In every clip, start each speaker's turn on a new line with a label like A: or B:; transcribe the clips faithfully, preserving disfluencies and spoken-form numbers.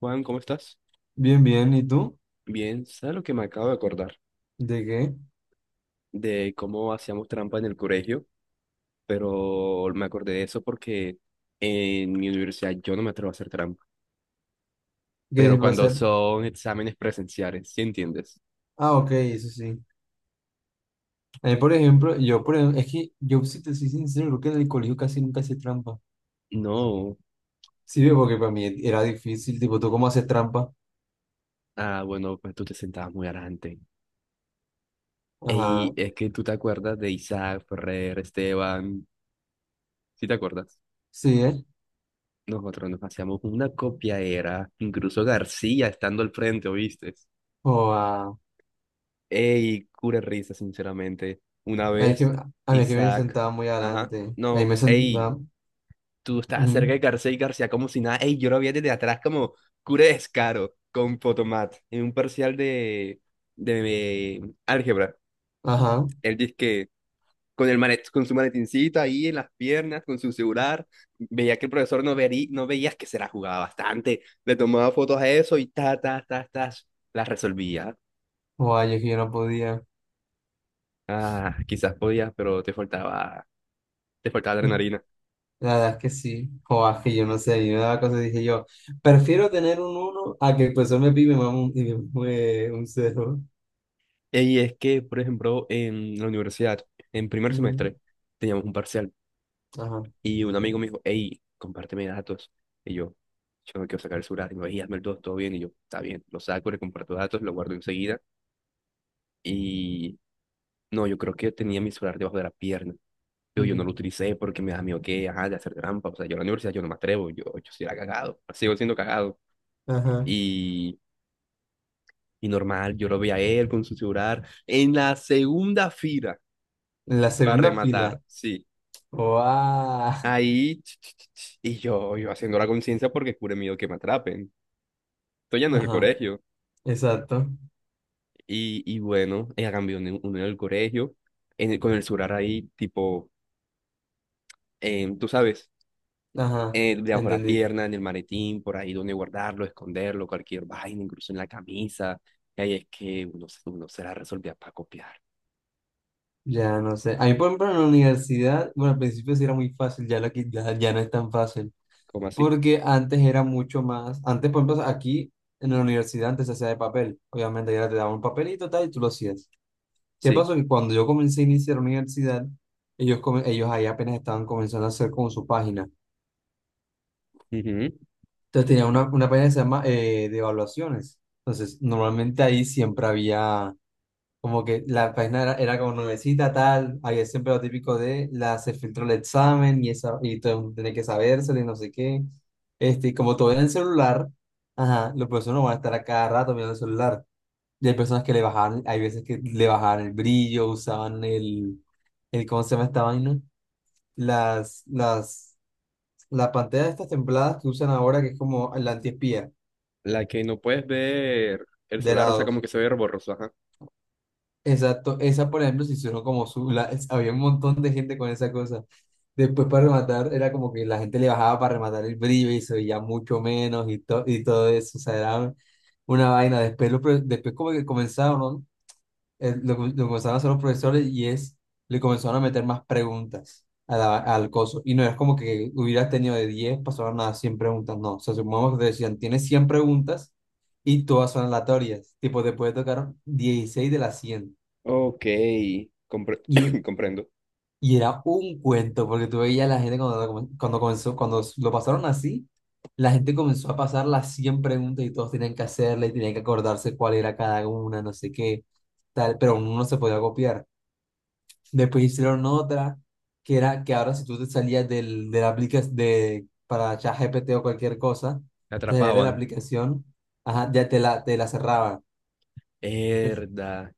A: Juan, ¿cómo estás?
B: Bien, bien. ¿Y tú?
A: Bien, ¿sabes lo que me acabo de acordar?
B: ¿De qué?
A: De cómo hacíamos trampa en el colegio, pero me acordé de eso porque en mi universidad yo no me atrevo a hacer trampa.
B: ¿Qué
A: Pero
B: va a
A: cuando
B: ser?
A: son exámenes presenciales, ¿sí entiendes?
B: Ah, ok, eso sí. A mí, por ejemplo, yo, por ejemplo, es que yo, si te soy sincero, creo que en el colegio casi nunca hice trampa.
A: No.
B: Sí, ve, porque para mí era difícil, tipo, ¿tú cómo haces trampa?
A: Ah, bueno, pues tú te sentabas muy adelante. Y
B: Ajá,
A: es que tú te acuerdas de Isaac, Ferrer, Esteban, ¿sí te acuerdas?
B: sí, ¿eh?
A: Nosotros nos hacíamos una copia era, incluso García estando al frente, ¿oíste?
B: O ah,
A: Ey, cura risa, sinceramente. Una
B: es que,
A: vez,
B: a mí es que me
A: Isaac.
B: sentaba muy
A: Ajá.
B: adelante. Ahí
A: No,
B: me
A: ey,
B: sentaba.
A: tú estás cerca
B: Ujú.
A: de García y García como si nada. Ey, yo lo vi desde atrás como cura de descaro con Potomat en un parcial de, de álgebra.
B: Ajá.
A: Él dice que con, el malet, con su maletincito ahí en las piernas, con su celular, veía que el profesor no, vería, no veía que se la jugaba bastante. Le tomaba fotos a eso y ta, ta, ta, ta, las resolvía.
B: O ay, es que yo no podía.
A: Ah, quizás podías, pero te faltaba les faltaba
B: Eh,
A: adrenalina.
B: La verdad es que sí. O ah, es que yo no sé, yo me daba cosas y dije yo, prefiero tener un uno a que el profesor me pide y me mame un, y me- eh, un cero.
A: Y es que, por ejemplo, en la universidad, en primer
B: Ujú.
A: semestre, teníamos un parcial
B: Ajá.
A: y un amigo me dijo, hey, compárteme datos. Y yo, yo no quiero sacar el celular. Y me dijo, "Ey, hazme el dos, todo bien". Y yo, está bien, lo saco, le comparto datos, lo guardo enseguida. Y no, yo creo que tenía mi celular debajo de la pierna. Yo, yo no
B: Ujú.
A: lo utilicé porque me da miedo que, ajá, de hacer trampa. O sea, yo en la universidad yo no me atrevo, yo, yo sí era cagado, sigo siendo cagado.
B: Ajá.
A: Y, y normal, yo lo veía a él con su celular en la segunda fila.
B: En la
A: Para
B: segunda
A: rematar,
B: fila.
A: sí.
B: ¡Wow!
A: Ahí, ch, ch, ch, ch, y yo, yo haciendo la conciencia porque cure miedo que me atrapen. Esto ya no es el
B: Ajá.
A: colegio.
B: Exacto.
A: Y, y bueno, ella cambió uno uno en el colegio, en el- con el surar ahí, tipo, em, tú sabes,
B: Ajá.
A: eh, debajo de la
B: Entendí.
A: pierna, en el maletín, por ahí donde guardarlo, esconderlo, cualquier vaina, incluso en la camisa. Y ahí es que uno, se- uno se la resolvía para copiar.
B: Ya no sé. A mí, por ejemplo, en la universidad, bueno, al principio sí era muy fácil, ya, la, qui- ya, ya no es tan fácil.
A: ¿Cómo así?
B: Porque antes era mucho más. Antes, por ejemplo, aquí en la universidad antes se hacía de papel. Obviamente, ya te daban un papelito tal y tú lo hacías. ¿Qué
A: Sí.
B: pasó? Que cuando yo comencé a iniciar la universidad, ellos, come- ellos ahí apenas estaban comenzando a hacer con su página.
A: Ujú.
B: Entonces tenía una, una página que se llama eh, de evaluaciones. Entonces, normalmente ahí siempre había como que la página era, era como nuevecita, tal, había siempre lo típico de la se filtró el examen y, esa, y todo el mundo tiene que sabérselo y no sé qué. Este, y como todo era en el celular, ajá, los profesores no van a estar a cada rato mirando el celular. Y hay personas que le bajaban, hay veces que le bajaban el brillo, usaban el, el ¿cómo se llama esta vaina? Las, las, la pantalla de estas templadas que usan ahora, que es como la antiespía.
A: La que no puedes ver el
B: De
A: celular, o sea, como
B: lados.
A: que se ve borroso, ajá.
B: Exacto. Esa, por ejemplo, se hicieron como su... la- es- había un montón de gente con esa cosa. Después para rematar, era como que la gente le bajaba para rematar el brillo y se veía mucho menos y, to- y todo eso. O sea, era una vaina. Después, lo, pro- después como que comenzaron, ¿no? eh, lo, que- lo comenzaron a hacer los profesores y es, le comenzaron a meter más preguntas a la- al coso. Y no es como que hubieras tenido de diez pasaron a cien preguntas, no. O sea, supongamos que te decían, tienes cien preguntas y todas son aleatorias. Tipo, te puede tocar dieciséis de las cien.
A: Ok, compre-
B: Y,
A: comprendo.
B: y era un cuento, porque tú veías a la gente cuando, lo comen- cuando comenzó, cuando lo pasaron así. La gente comenzó a pasar las cien preguntas y todos tenían que hacerla y tenían que acordarse cuál era cada una, no sé qué, tal, pero uno no se podía copiar. Después hicieron otra que era que ahora si tú te salías del, de la aplicación de, para ChatGPT o cualquier cosa,
A: Me
B: te salías de la
A: atrapaban.
B: aplicación, ajá, ya te la, te la cerraban. Entonces,
A: Verdad.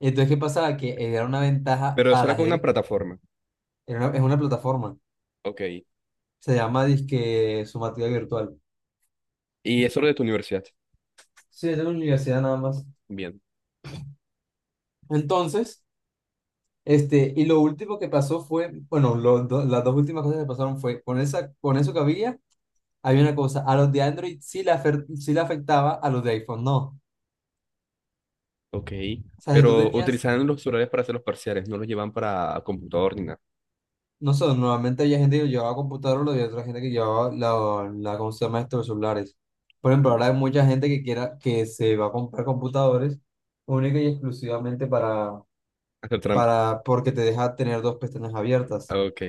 B: entonces, ¿qué pasaba? Que era una ventaja
A: Pero
B: para
A: eso era
B: la
A: con una
B: gente,
A: plataforma.
B: era una- es una plataforma,
A: Ok.
B: se llama disque Sumativa Virtual.
A: Y eso lo de tu universidad.
B: Sí, es de la universidad nada más.
A: Bien.
B: Entonces, este, y lo último que pasó fue, bueno, lo- do- las dos últimas cosas que pasaron fue con esa, con eso que había. Hay una cosa, a los de Android sí le, afer- sí le afectaba, a los de iPhone no. O
A: Ok.
B: sea, si tú
A: Pero
B: tenías,
A: utilizaban los celulares para hacer los parciales, no los llevan para computador ni nada.
B: no sé, normalmente había gente que llevaba computador, lo había otra gente que llevaba la, la, ¿cómo se llama esto? Los celulares. Por ejemplo, ahora hay mucha gente que quiera, que se va a comprar computadores única y exclusivamente para,
A: Hacer trampa.
B: para, porque te deja tener dos pestañas abiertas.
A: Ok.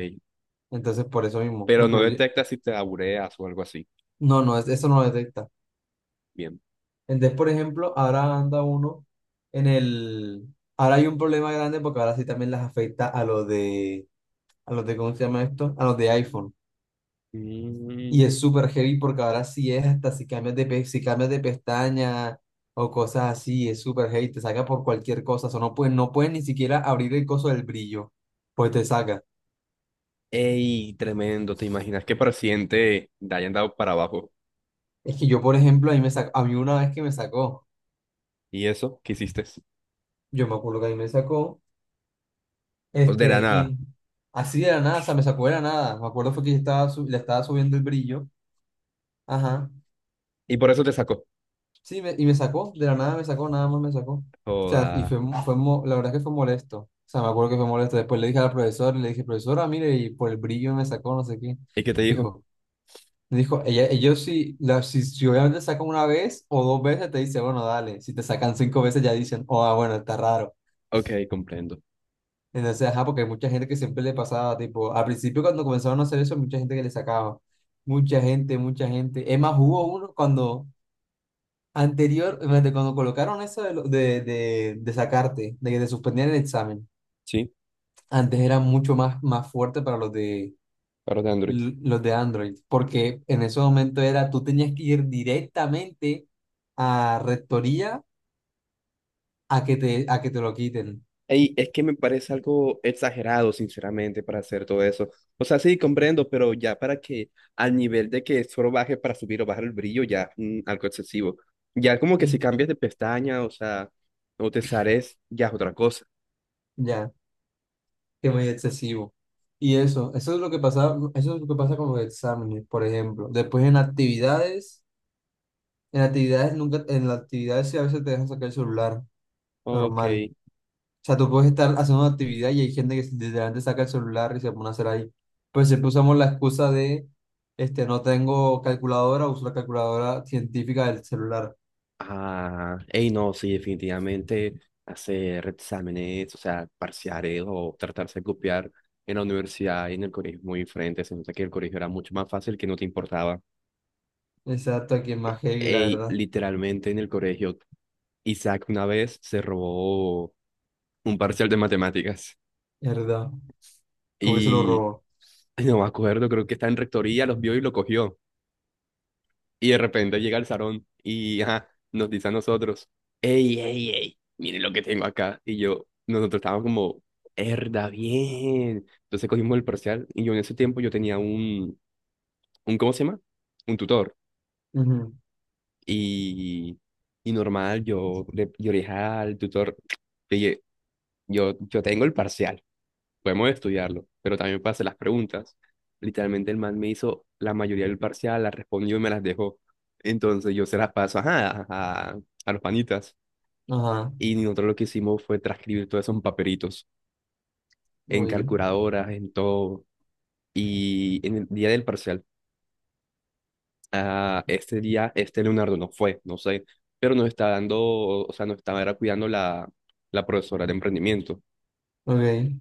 B: Entonces, por eso mismo. Por
A: Pero no
B: ejemplo, yo-.
A: detecta si te abureas o algo así.
B: No, no, es- eso no lo detecta.
A: Bien.
B: Entonces, por ejemplo, ahora anda uno en el... Ahora hay un problema grande porque ahora sí también las afecta a los de... A los de, ¿cómo se llama esto? A los de iPhone. Y
A: Mm.
B: es súper heavy porque ahora sí es hasta si cambias de, pe- si cambias de pestaña o cosas así, es súper heavy, te saca por cualquier cosa. O sea, no puedes, no puedes ni siquiera abrir el coso del brillo, pues te saca.
A: Ey, tremendo. ¿Te imaginas que para el siguiente te hayan dado para abajo?
B: Es que yo, por ejemplo, a mí, me sacó, a mí una vez que me sacó,
A: ¿Y eso? ¿Qué hiciste?
B: yo me acuerdo que a mí me sacó.
A: O de la
B: Este,
A: nada.
B: y así de la nada, o sea, me sacó de la nada. Me acuerdo fue que yo estaba su- le estaba subiendo el brillo. Ajá.
A: Y por eso te sacó.
B: Sí, me- y me sacó, de la nada me sacó, nada más me sacó. O sea, y
A: Joda.
B: fue, mo- fue, mo- la verdad es que fue molesto. O sea, me acuerdo que fue molesto. Después le dije al profesor, le dije, profesora, mire, y por el brillo me sacó, no sé qué.
A: ¿Y qué te dijo?
B: Dijo, me dijo, ella, ellos si, la, si, si obviamente sacan una vez o dos veces, te dice, bueno, dale. Si te sacan cinco veces, ya dicen, oh, ah, bueno, está raro.
A: Ok, comprendo.
B: Entonces, ajá, porque hay mucha gente que siempre le pasaba, tipo, al principio cuando comenzaron a hacer eso, mucha gente que le sacaba, mucha gente, mucha gente. Es más, hubo uno cuando anterior, imagínate, cuando colocaron eso de, lo- de, de, de sacarte, de que te suspendían el examen,
A: Sí,
B: antes era mucho más, más fuerte para los de,
A: para de Android.
B: los de Android, porque en ese momento era, tú tenías que ir directamente a rectoría a que te, a que te lo quiten.
A: Ey, es que me parece algo exagerado, sinceramente, para hacer todo eso. O sea, sí, comprendo, pero ya para que al nivel de que solo baje para subir o bajar el brillo, ya mm, algo excesivo. Ya como que si cambias de pestaña, o sea, o te sales ya es otra cosa.
B: Ya. Que muy excesivo. Y eso, eso es lo que pasa, eso es lo que pasa con los exámenes, por ejemplo. Después en actividades, en actividades nunca, en las actividades sí a veces te dejan sacar el celular,
A: Ok.
B: normal. O sea, tú puedes estar haciendo una actividad y hay gente que literalmente saca el celular y se pone a hacer ahí. Pues siempre usamos la excusa de, este, no tengo calculadora, uso la calculadora científica del celular.
A: Ah, ey, no, sí, definitivamente hacer exámenes, o sea, parciales o tratarse de copiar en la universidad y en el colegio es muy diferente. Se nota que el colegio era mucho más fácil que no te importaba.
B: Exacto, aquí es más heavy, la
A: Ey,
B: verdad.
A: literalmente en el colegio, Isaac una vez se robó un parcial de matemáticas
B: Es verdad. Como que se lo
A: y
B: robó.
A: no me acuerdo, creo que está en rectoría, los vio y lo cogió. Y de repente llega al salón y ajá, nos dice a nosotros, ey, ey, ey, miren lo que tengo acá. Y yo, nosotros estábamos como, herda, bien. Entonces cogimos el parcial y yo en ese tiempo yo tenía un, un ¿cómo se llama? Un tutor.
B: Ujú.
A: Y, y normal, yo le yo le dije al tutor. Oye, Yo, yo tengo el parcial, podemos estudiarlo, pero también pasé las preguntas. Literalmente el man me hizo la mayoría del parcial, la respondió y me las dejó. Entonces yo se las paso ajá, a, a los panitas.
B: Ajá.
A: Y nosotros lo que hicimos fue transcribir todos esos papelitos en
B: Uy.
A: calculadoras, en todo. Y en el día del parcial, ah, este día, este Leonardo no fue, no sé, pero nos está dando, o sea, nos estaba era cuidando la, la profesora de emprendimiento,
B: Ok.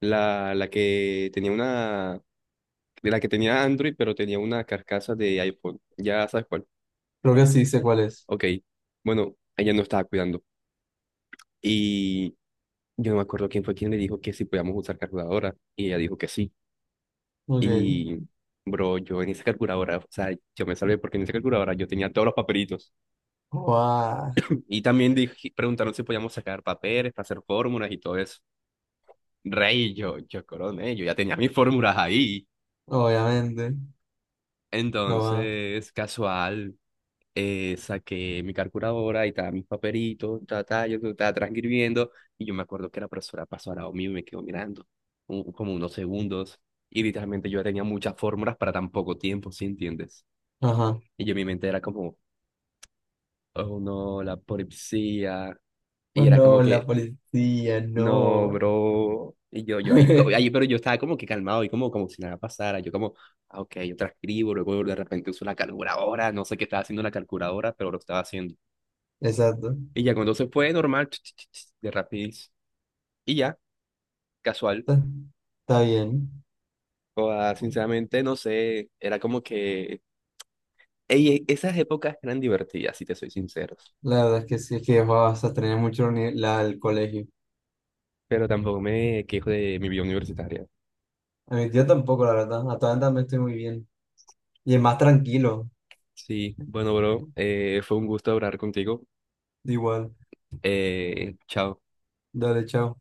A: la, la que tenía una de la que tenía Android, pero tenía una carcasa de iPhone. Ya sabes cuál.
B: Creo que sí sé cuál es.
A: Ok. Bueno, ella no estaba cuidando. Y yo no me acuerdo quién fue quien le dijo que si podíamos usar calculadora. Y ella dijo que sí.
B: Ok.
A: Y, bro, yo en esa calculadora, o sea, yo me salvé porque en esa calculadora yo tenía todos los papelitos.
B: Guau.
A: Y también dije- preguntaron si podíamos sacar papeles para hacer fórmulas y todo eso. Rey, yo, yo coroné, yo ya tenía mis fórmulas ahí.
B: Obviamente. Guau.
A: Entonces, casual. Eh, saqué mi calculadora y estaba mis papelitos, ta, ta, yo estaba transcribiendo y yo me acuerdo que la profesora pasó al lado mío y me quedó mirando un- como unos segundos y literalmente yo tenía muchas fórmulas para tan poco tiempo, ¿sí entiendes?
B: Ajá.
A: Y yo en mi mente era como, oh no, la polipsia
B: Oh,
A: y era
B: no,
A: como
B: la
A: que,
B: policía,
A: no,
B: no.
A: bro, y yo, yo ahí, co- ahí, pero yo estaba como que calmado y como, como si nada pasara, yo como... ah, Ok, yo transcribo, luego de repente uso la calculadora, no sé qué estaba haciendo la calculadora, pero lo estaba haciendo.
B: Exacto.
A: Y ya cuando se fue, normal, ch, ch, ch, ch, de rapidez. Y ya, casual.
B: Está, está bien.
A: O sea, sinceramente, no sé, era como que... Ey, esas épocas eran divertidas, si te soy sincero.
B: La verdad es que sí, es que vas a tener mucho la uni- la- el colegio.
A: Pero tampoco me quejo de mi vida universitaria.
B: A mi tío tampoco, la verdad. A todas también estoy muy bien. Y es más tranquilo.
A: Sí, bueno, bro, eh, fue un gusto hablar contigo.
B: Igual.
A: Eh, chao.
B: Dale, chao.